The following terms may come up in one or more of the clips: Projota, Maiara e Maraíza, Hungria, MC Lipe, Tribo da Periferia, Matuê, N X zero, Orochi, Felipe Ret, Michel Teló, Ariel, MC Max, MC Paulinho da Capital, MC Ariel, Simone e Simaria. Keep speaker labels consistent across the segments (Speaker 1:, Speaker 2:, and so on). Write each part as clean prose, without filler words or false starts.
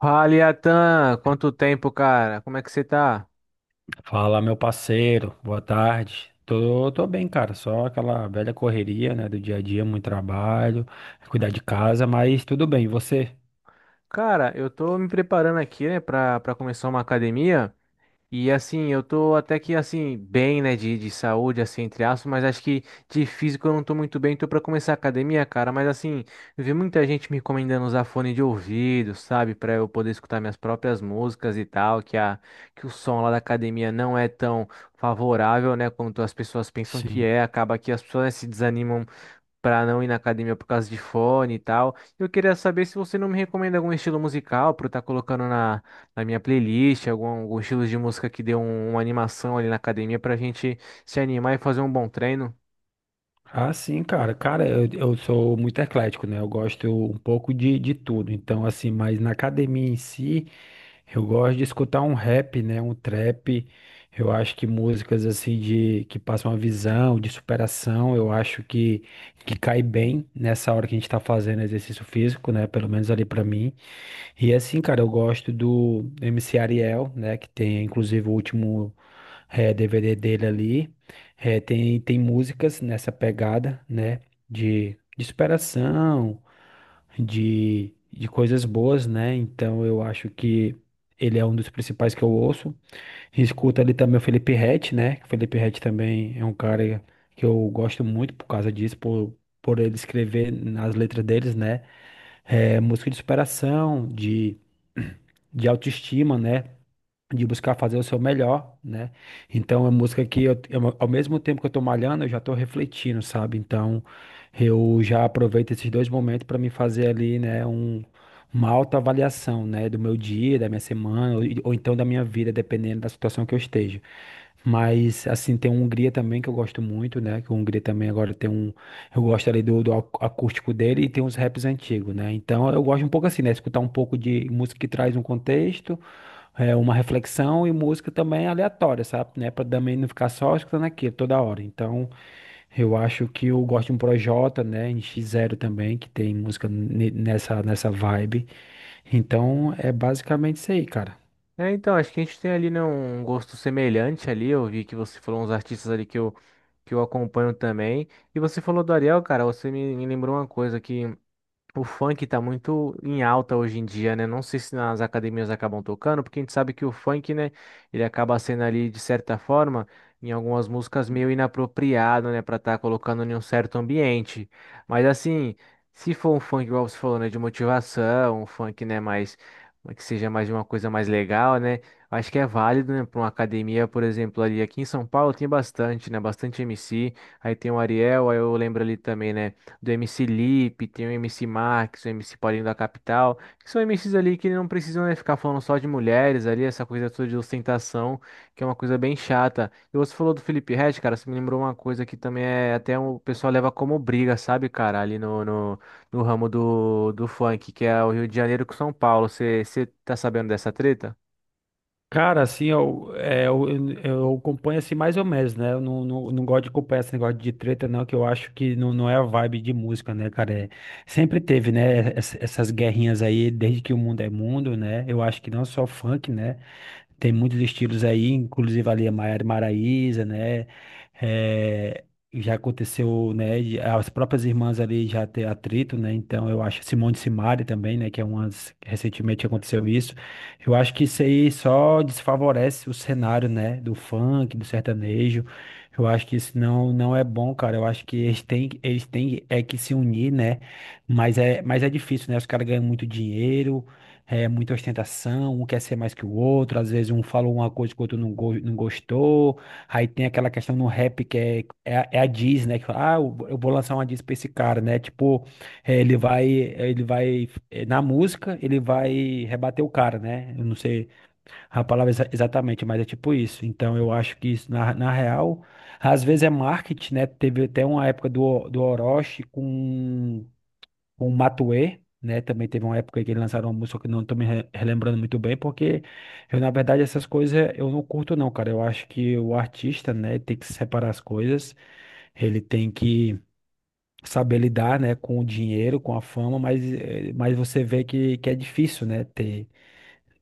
Speaker 1: Fala, Iatan, quanto tempo, cara? Como é que você tá?
Speaker 2: Fala, meu parceiro, boa tarde. Tô bem, cara, só aquela velha correria, né, do dia a dia, muito trabalho, cuidar de casa, mas tudo bem, e você?
Speaker 1: Cara, eu tô me preparando aqui, né, pra começar uma academia. E assim, eu tô até que assim, bem, né, de saúde, assim, entre aspas, mas acho que de físico eu não tô muito bem, tô pra começar a academia, cara. Mas assim, eu vi muita gente me recomendando usar fone de ouvido, sabe, pra eu poder escutar minhas próprias músicas e tal, que o som lá da academia não é tão favorável, né, quanto as pessoas pensam que
Speaker 2: Sim.
Speaker 1: é. Acaba que as pessoas, né, se desanimam para não ir na academia por causa de fone e tal. Eu queria saber se você não me recomenda algum estilo musical para eu estar colocando na, na minha playlist, algum estilo de música que dê uma animação ali na academia para a gente se animar e fazer um bom treino.
Speaker 2: Ah, sim, cara. Cara, eu sou muito eclético, né? Eu gosto um pouco de tudo. Então, assim, mas na academia em si, eu gosto de escutar um rap, né? Um trap. Eu acho que músicas assim de que passam uma visão, de superação, eu acho que cai bem nessa hora que a gente tá fazendo exercício físico, né? Pelo menos ali pra mim. E assim, cara, eu gosto do MC Ariel, né? Que tem inclusive o último DVD dele ali. Tem músicas nessa pegada, né? De superação, de coisas boas, né? Então eu acho que ele é um dos principais que eu ouço. Escuta ali também o Felipe Ret, né? O Felipe Ret também é um cara que eu gosto muito por causa disso, por ele escrever nas letras deles, né? É música de superação, de autoestima, né? De buscar fazer o seu melhor, né? Então, é música que ao mesmo tempo que eu tô malhando, eu já tô refletindo, sabe? Então, eu já aproveito esses dois momentos para me fazer ali, né, uma autoavaliação, né, do meu dia, da minha semana, ou então da minha vida, dependendo da situação que eu esteja. Mas, assim, tem a Hungria também que eu gosto muito, né? Que a Hungria também agora tem um. Eu gosto ali do acústico dele e tem uns raps antigos, né? Então eu gosto um pouco assim, né? Escutar um pouco de música que traz um contexto, uma reflexão e música também aleatória, sabe? Né? Pra também não ficar só escutando aquilo toda hora. Então eu acho que eu gosto de um Projota, né? N X zero também, que tem música nessa vibe. Então é basicamente isso aí, cara.
Speaker 1: É, então, acho que a gente tem ali, né, um gosto semelhante ali. Eu vi que você falou uns artistas ali que eu acompanho também. E você falou do Ariel, cara, você me lembrou uma coisa aqui. O funk tá muito em alta hoje em dia, né? Não sei se nas academias acabam tocando, porque a gente sabe que o funk, né, ele acaba sendo ali, de certa forma, em algumas músicas meio inapropriado, né, pra estar colocando em um certo ambiente. Mas assim, se for um funk, igual você falou, né, de motivação, um funk, né, que seja mais uma coisa mais legal, né? Acho que é válido, né, pra uma academia, por exemplo, ali aqui em São Paulo tem bastante, né, bastante MC, aí tem o Ariel, aí eu lembro ali também, né? Do MC Lipe, tem o MC Max, o MC Paulinho da Capital, que são MCs ali que não precisam, né, ficar falando só de mulheres ali, essa coisa toda de ostentação, que é uma coisa bem chata. E você falou do Felipe Ret, cara, você me lembrou uma coisa que também é o pessoal leva como briga, sabe, cara, ali no ramo do funk, que é o Rio de Janeiro com São Paulo. Você tá sabendo dessa treta?
Speaker 2: Cara, assim, eu acompanho assim mais ou menos, né? Eu não gosto de acompanhar esse negócio de treta, não, que eu acho que não é a vibe de música, né, cara? É, sempre teve, né, essas guerrinhas aí, desde que o mundo é mundo, né? Eu acho que não só funk, né? Tem muitos estilos aí, inclusive ali a Maiara e Maraíza, né? É, já aconteceu, né? As próprias irmãs ali já ter atrito, né? Então eu acho Simone e Simaria também, né? Que é umas que recentemente aconteceu isso. Eu acho que isso aí só desfavorece o cenário, né? Do funk, do sertanejo. Eu acho que isso não é bom, cara. Eu acho que eles têm é que se unir, né? Mas é difícil, né? Os caras ganham muito dinheiro é muita ostentação, um quer ser mais que o outro, às vezes um falou uma coisa que o outro não gostou. Aí tem aquela questão no rap que é a diss, né? Que fala, ah, eu vou lançar uma diss pra esse cara, né? Tipo, ele vai, na música, ele vai rebater o cara, né? Eu não sei a palavra exatamente, mas é tipo isso. Então eu acho que isso, na real, às vezes é marketing, né? Teve até uma época do Orochi com o Matuê, né? Também teve uma época que eles lançaram uma música que eu não tô me relembrando muito bem, porque eu, na verdade, essas coisas eu não curto, não, cara. Eu acho que o artista, né, tem que separar as coisas, ele tem que saber lidar, né, com o dinheiro, com a fama, mas, mas você vê que é difícil, né, ter,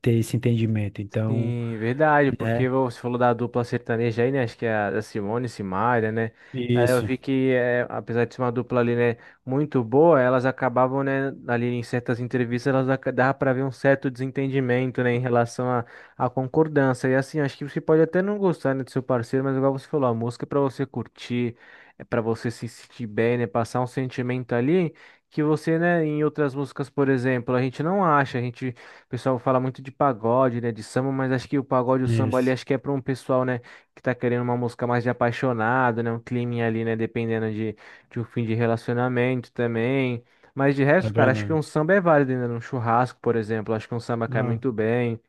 Speaker 2: ter esse entendimento. Então,
Speaker 1: Sim, verdade, porque
Speaker 2: né?
Speaker 1: você falou da dupla sertaneja aí, né? Acho que é a Simone e Simaria, né? Aí eu
Speaker 2: Isso,
Speaker 1: vi que, é, apesar de ser uma dupla ali, né, muito boa, elas acabavam, né, ali em certas entrevistas, dava para ver um certo desentendimento, né, em relação à à concordância. E assim, acho que você pode até não gostar, né, do seu parceiro, mas igual você falou, a música é para você curtir, é para você se sentir bem, né, passar um sentimento ali que você, né, em outras músicas, por exemplo, a gente não acha, a gente. O pessoal fala muito de pagode, né, de samba, mas acho que o pagode, e o samba ali,
Speaker 2: isso.
Speaker 1: acho que é para um pessoal, né, que tá querendo uma música mais de apaixonado, né, um climinha ali, né, dependendo de um fim de relacionamento também. Mas de
Speaker 2: É
Speaker 1: resto, cara, acho que
Speaker 2: verdade.
Speaker 1: um samba é válido, né, num churrasco, por exemplo, acho que um samba cai
Speaker 2: Ah,
Speaker 1: muito bem.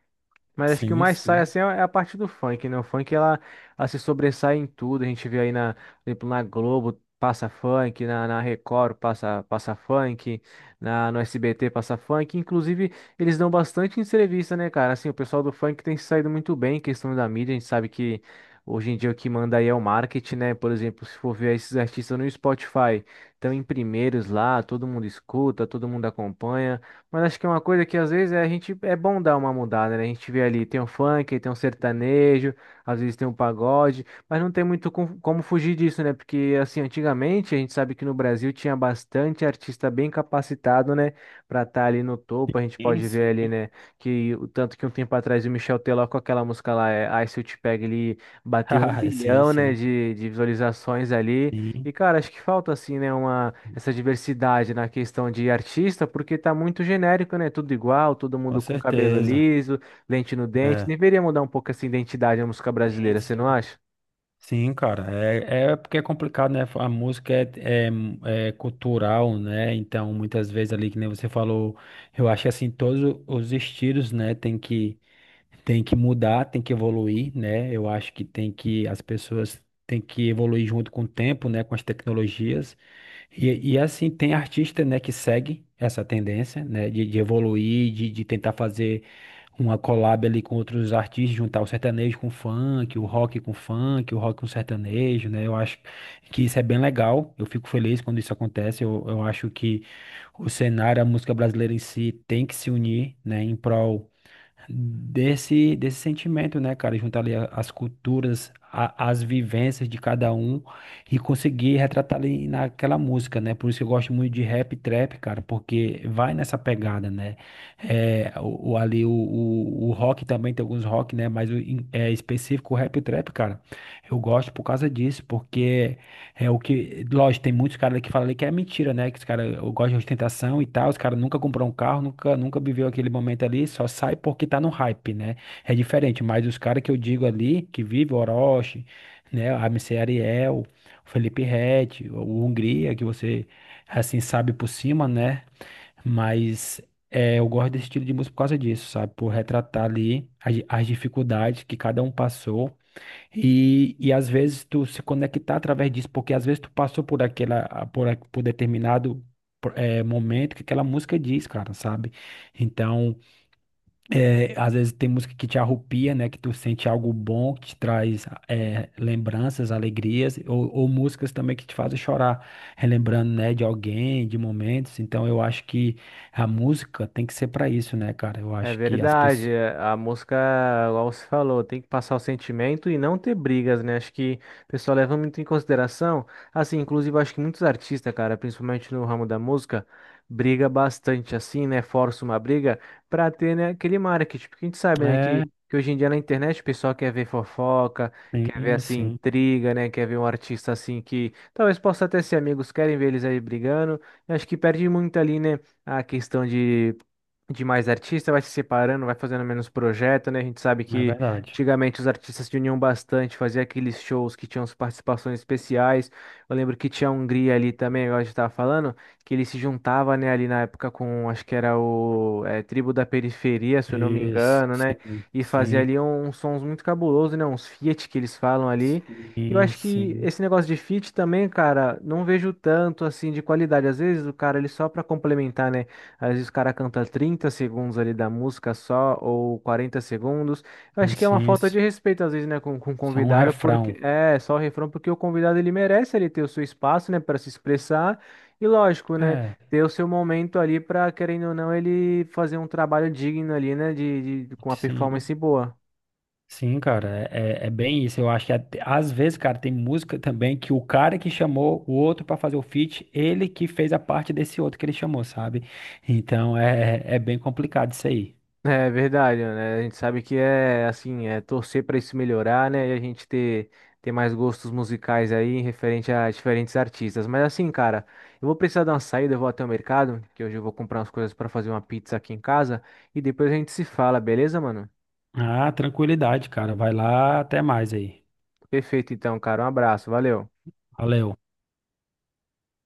Speaker 1: Mas acho que o
Speaker 2: sim,
Speaker 1: mais sai
Speaker 2: sim.
Speaker 1: assim é a parte do funk, né? O funk ela, ela se sobressai em tudo. A gente vê aí na, por exemplo, na Globo passa funk, na Record passa, passa funk, no SBT passa funk. Inclusive, eles dão bastante entrevista, né, cara? Assim, o pessoal do funk tem se saído muito bem em questão da mídia. A gente sabe que hoje em dia o que manda aí é o marketing, né? Por exemplo, se for ver esses artistas no Spotify, estão em primeiros lá, todo mundo escuta, todo mundo acompanha. Mas acho que é uma coisa que às vezes é, a gente é bom dar uma mudada, né? A gente vê ali, tem um funk, tem um sertanejo, às vezes tem um pagode, mas não tem muito como fugir disso, né? Porque assim, antigamente a gente sabe que no Brasil tinha bastante artista bem capacitado, né, pra estar ali no topo. A gente
Speaker 2: Sim,
Speaker 1: pode ver
Speaker 2: sim.
Speaker 1: ali, né, que o tanto que um tempo atrás o Michel Teló com aquela música lá, é, Ai Se Eu Te Pego, ele bateu um
Speaker 2: Sim,
Speaker 1: bilhão, né,
Speaker 2: sim.
Speaker 1: de visualizações ali.
Speaker 2: Sim,
Speaker 1: E cara, acho que falta assim, né, uma essa diversidade na questão de artista, porque tá muito genérico, né? Tudo igual, todo
Speaker 2: com
Speaker 1: mundo com cabelo
Speaker 2: certeza.
Speaker 1: liso, lente no dente.
Speaker 2: É.
Speaker 1: Deveria mudar um pouco essa identidade da música
Speaker 2: Sim,
Speaker 1: brasileira, você
Speaker 2: sim.
Speaker 1: não acha?
Speaker 2: Sim, cara, é porque é complicado, né? A música é cultural, né? Então, muitas vezes ali, que nem você falou, eu acho que assim, todos os estilos, né, tem que mudar, tem que evoluir, né? Eu acho que tem que, as pessoas têm que evoluir junto com o tempo, né? Com as tecnologias. E assim, tem artista, né, que segue essa tendência, né, de evoluir, de tentar fazer uma collab ali com outros artistas, juntar o sertanejo com o funk, o rock com o funk, o rock com o sertanejo, né, eu acho que isso é bem legal, eu fico feliz quando isso acontece, eu acho que o cenário, a música brasileira em si tem que se unir, né, em prol desse sentimento, né, cara? Juntar ali as culturas, as vivências de cada um e conseguir retratar ali naquela música, né? Por isso que eu gosto muito de rap e trap, cara, porque vai nessa pegada, né? É, ali o rock também tem alguns rock, né? Mas é específico o rap e o trap, cara. Eu gosto por causa disso, porque é o que, lógico, tem muitos caras que falam ali que é mentira, né? Que os caras gostam de ostentação e tal, os caras nunca comprou um carro, nunca viveu aquele momento ali, só sai porque tá no hype, né? É diferente, mas os caras que eu digo ali, que vive o Orochi, né? A MC Ariel, o Felipe Ret, o Hungria, que você, assim, sabe por cima, né? Mas é, eu gosto desse estilo de música por causa disso, sabe? Por retratar ali as dificuldades que cada um passou e às vezes tu se conectar através disso, porque às vezes tu passou por por determinado momento que aquela música diz, cara, sabe? Então, às vezes tem música que te arrupia, né? Que tu sente algo bom, que te traz lembranças, alegrias, ou músicas também que te fazem chorar, relembrando, né, de alguém, de momentos. Então, eu acho que a música tem que ser pra isso, né, cara? Eu
Speaker 1: É
Speaker 2: acho que as
Speaker 1: verdade,
Speaker 2: pessoas.
Speaker 1: é, a música, igual você falou, tem que passar o sentimento e não ter brigas, né? Acho que o pessoal leva muito em consideração. Assim, inclusive, acho que muitos artistas, cara, principalmente no ramo da música, briga bastante assim, né? Força uma briga pra ter, né, aquele marketing. Porque a gente sabe, né,
Speaker 2: É,
Speaker 1: que hoje em dia na internet o pessoal quer ver fofoca, quer ver,
Speaker 2: sim,
Speaker 1: assim,
Speaker 2: sim,
Speaker 1: intriga, né? Quer ver um artista, assim, que talvez possa até ser amigos, querem ver eles aí brigando. Eu acho que perde muito ali, né? A questão de mais artista, vai se separando, vai fazendo menos projeto, né? A gente sabe
Speaker 2: é
Speaker 1: que
Speaker 2: verdade.
Speaker 1: antigamente os artistas se uniam bastante, faziam aqueles shows que tinham as participações especiais. Eu lembro que tinha a Hungria ali também, igual a gente tava falando, que ele se juntava, né, ali na época com, acho que era o Tribo da Periferia, se eu não me
Speaker 2: Isso,
Speaker 1: engano, né?
Speaker 2: sim,
Speaker 1: E fazia
Speaker 2: sim,
Speaker 1: ali um, uns sons muito cabulosos, né? Uns feat que eles falam ali. E eu
Speaker 2: sim,
Speaker 1: acho que
Speaker 2: sim,
Speaker 1: esse negócio de feat também, cara, não vejo tanto assim de qualidade. Às vezes o cara ele só para complementar, né? Às vezes o cara canta 30 segundos ali da música só, ou 40 segundos. Eu acho que é uma
Speaker 2: sim,
Speaker 1: falta
Speaker 2: isso
Speaker 1: de respeito, às vezes, né, com o
Speaker 2: isso É um
Speaker 1: convidado,
Speaker 2: refrão.
Speaker 1: porque é só o refrão, porque o convidado ele merece ele ter o seu espaço, né, para se expressar. E lógico, né,
Speaker 2: É,
Speaker 1: ter o seu momento ali para, querendo ou não, ele fazer um trabalho digno ali, né, com uma
Speaker 2: sim,
Speaker 1: performance boa.
Speaker 2: sim, cara, é bem isso. Eu acho que às vezes, cara, tem música também que o cara que chamou o outro pra fazer o feat, ele que fez a parte desse outro que ele chamou, sabe? Então é bem complicado isso aí.
Speaker 1: É verdade, né? A gente sabe que é assim, é torcer para isso melhorar, né? E a gente ter mais gostos musicais aí referente a diferentes artistas. Mas assim, cara, eu vou precisar dar uma saída, eu vou até o mercado, que hoje eu vou comprar umas coisas para fazer uma pizza aqui em casa e depois a gente se fala, beleza, mano?
Speaker 2: Ah, tranquilidade, cara. Vai lá, até mais aí.
Speaker 1: Perfeito então, cara. Um abraço, valeu.
Speaker 2: Valeu.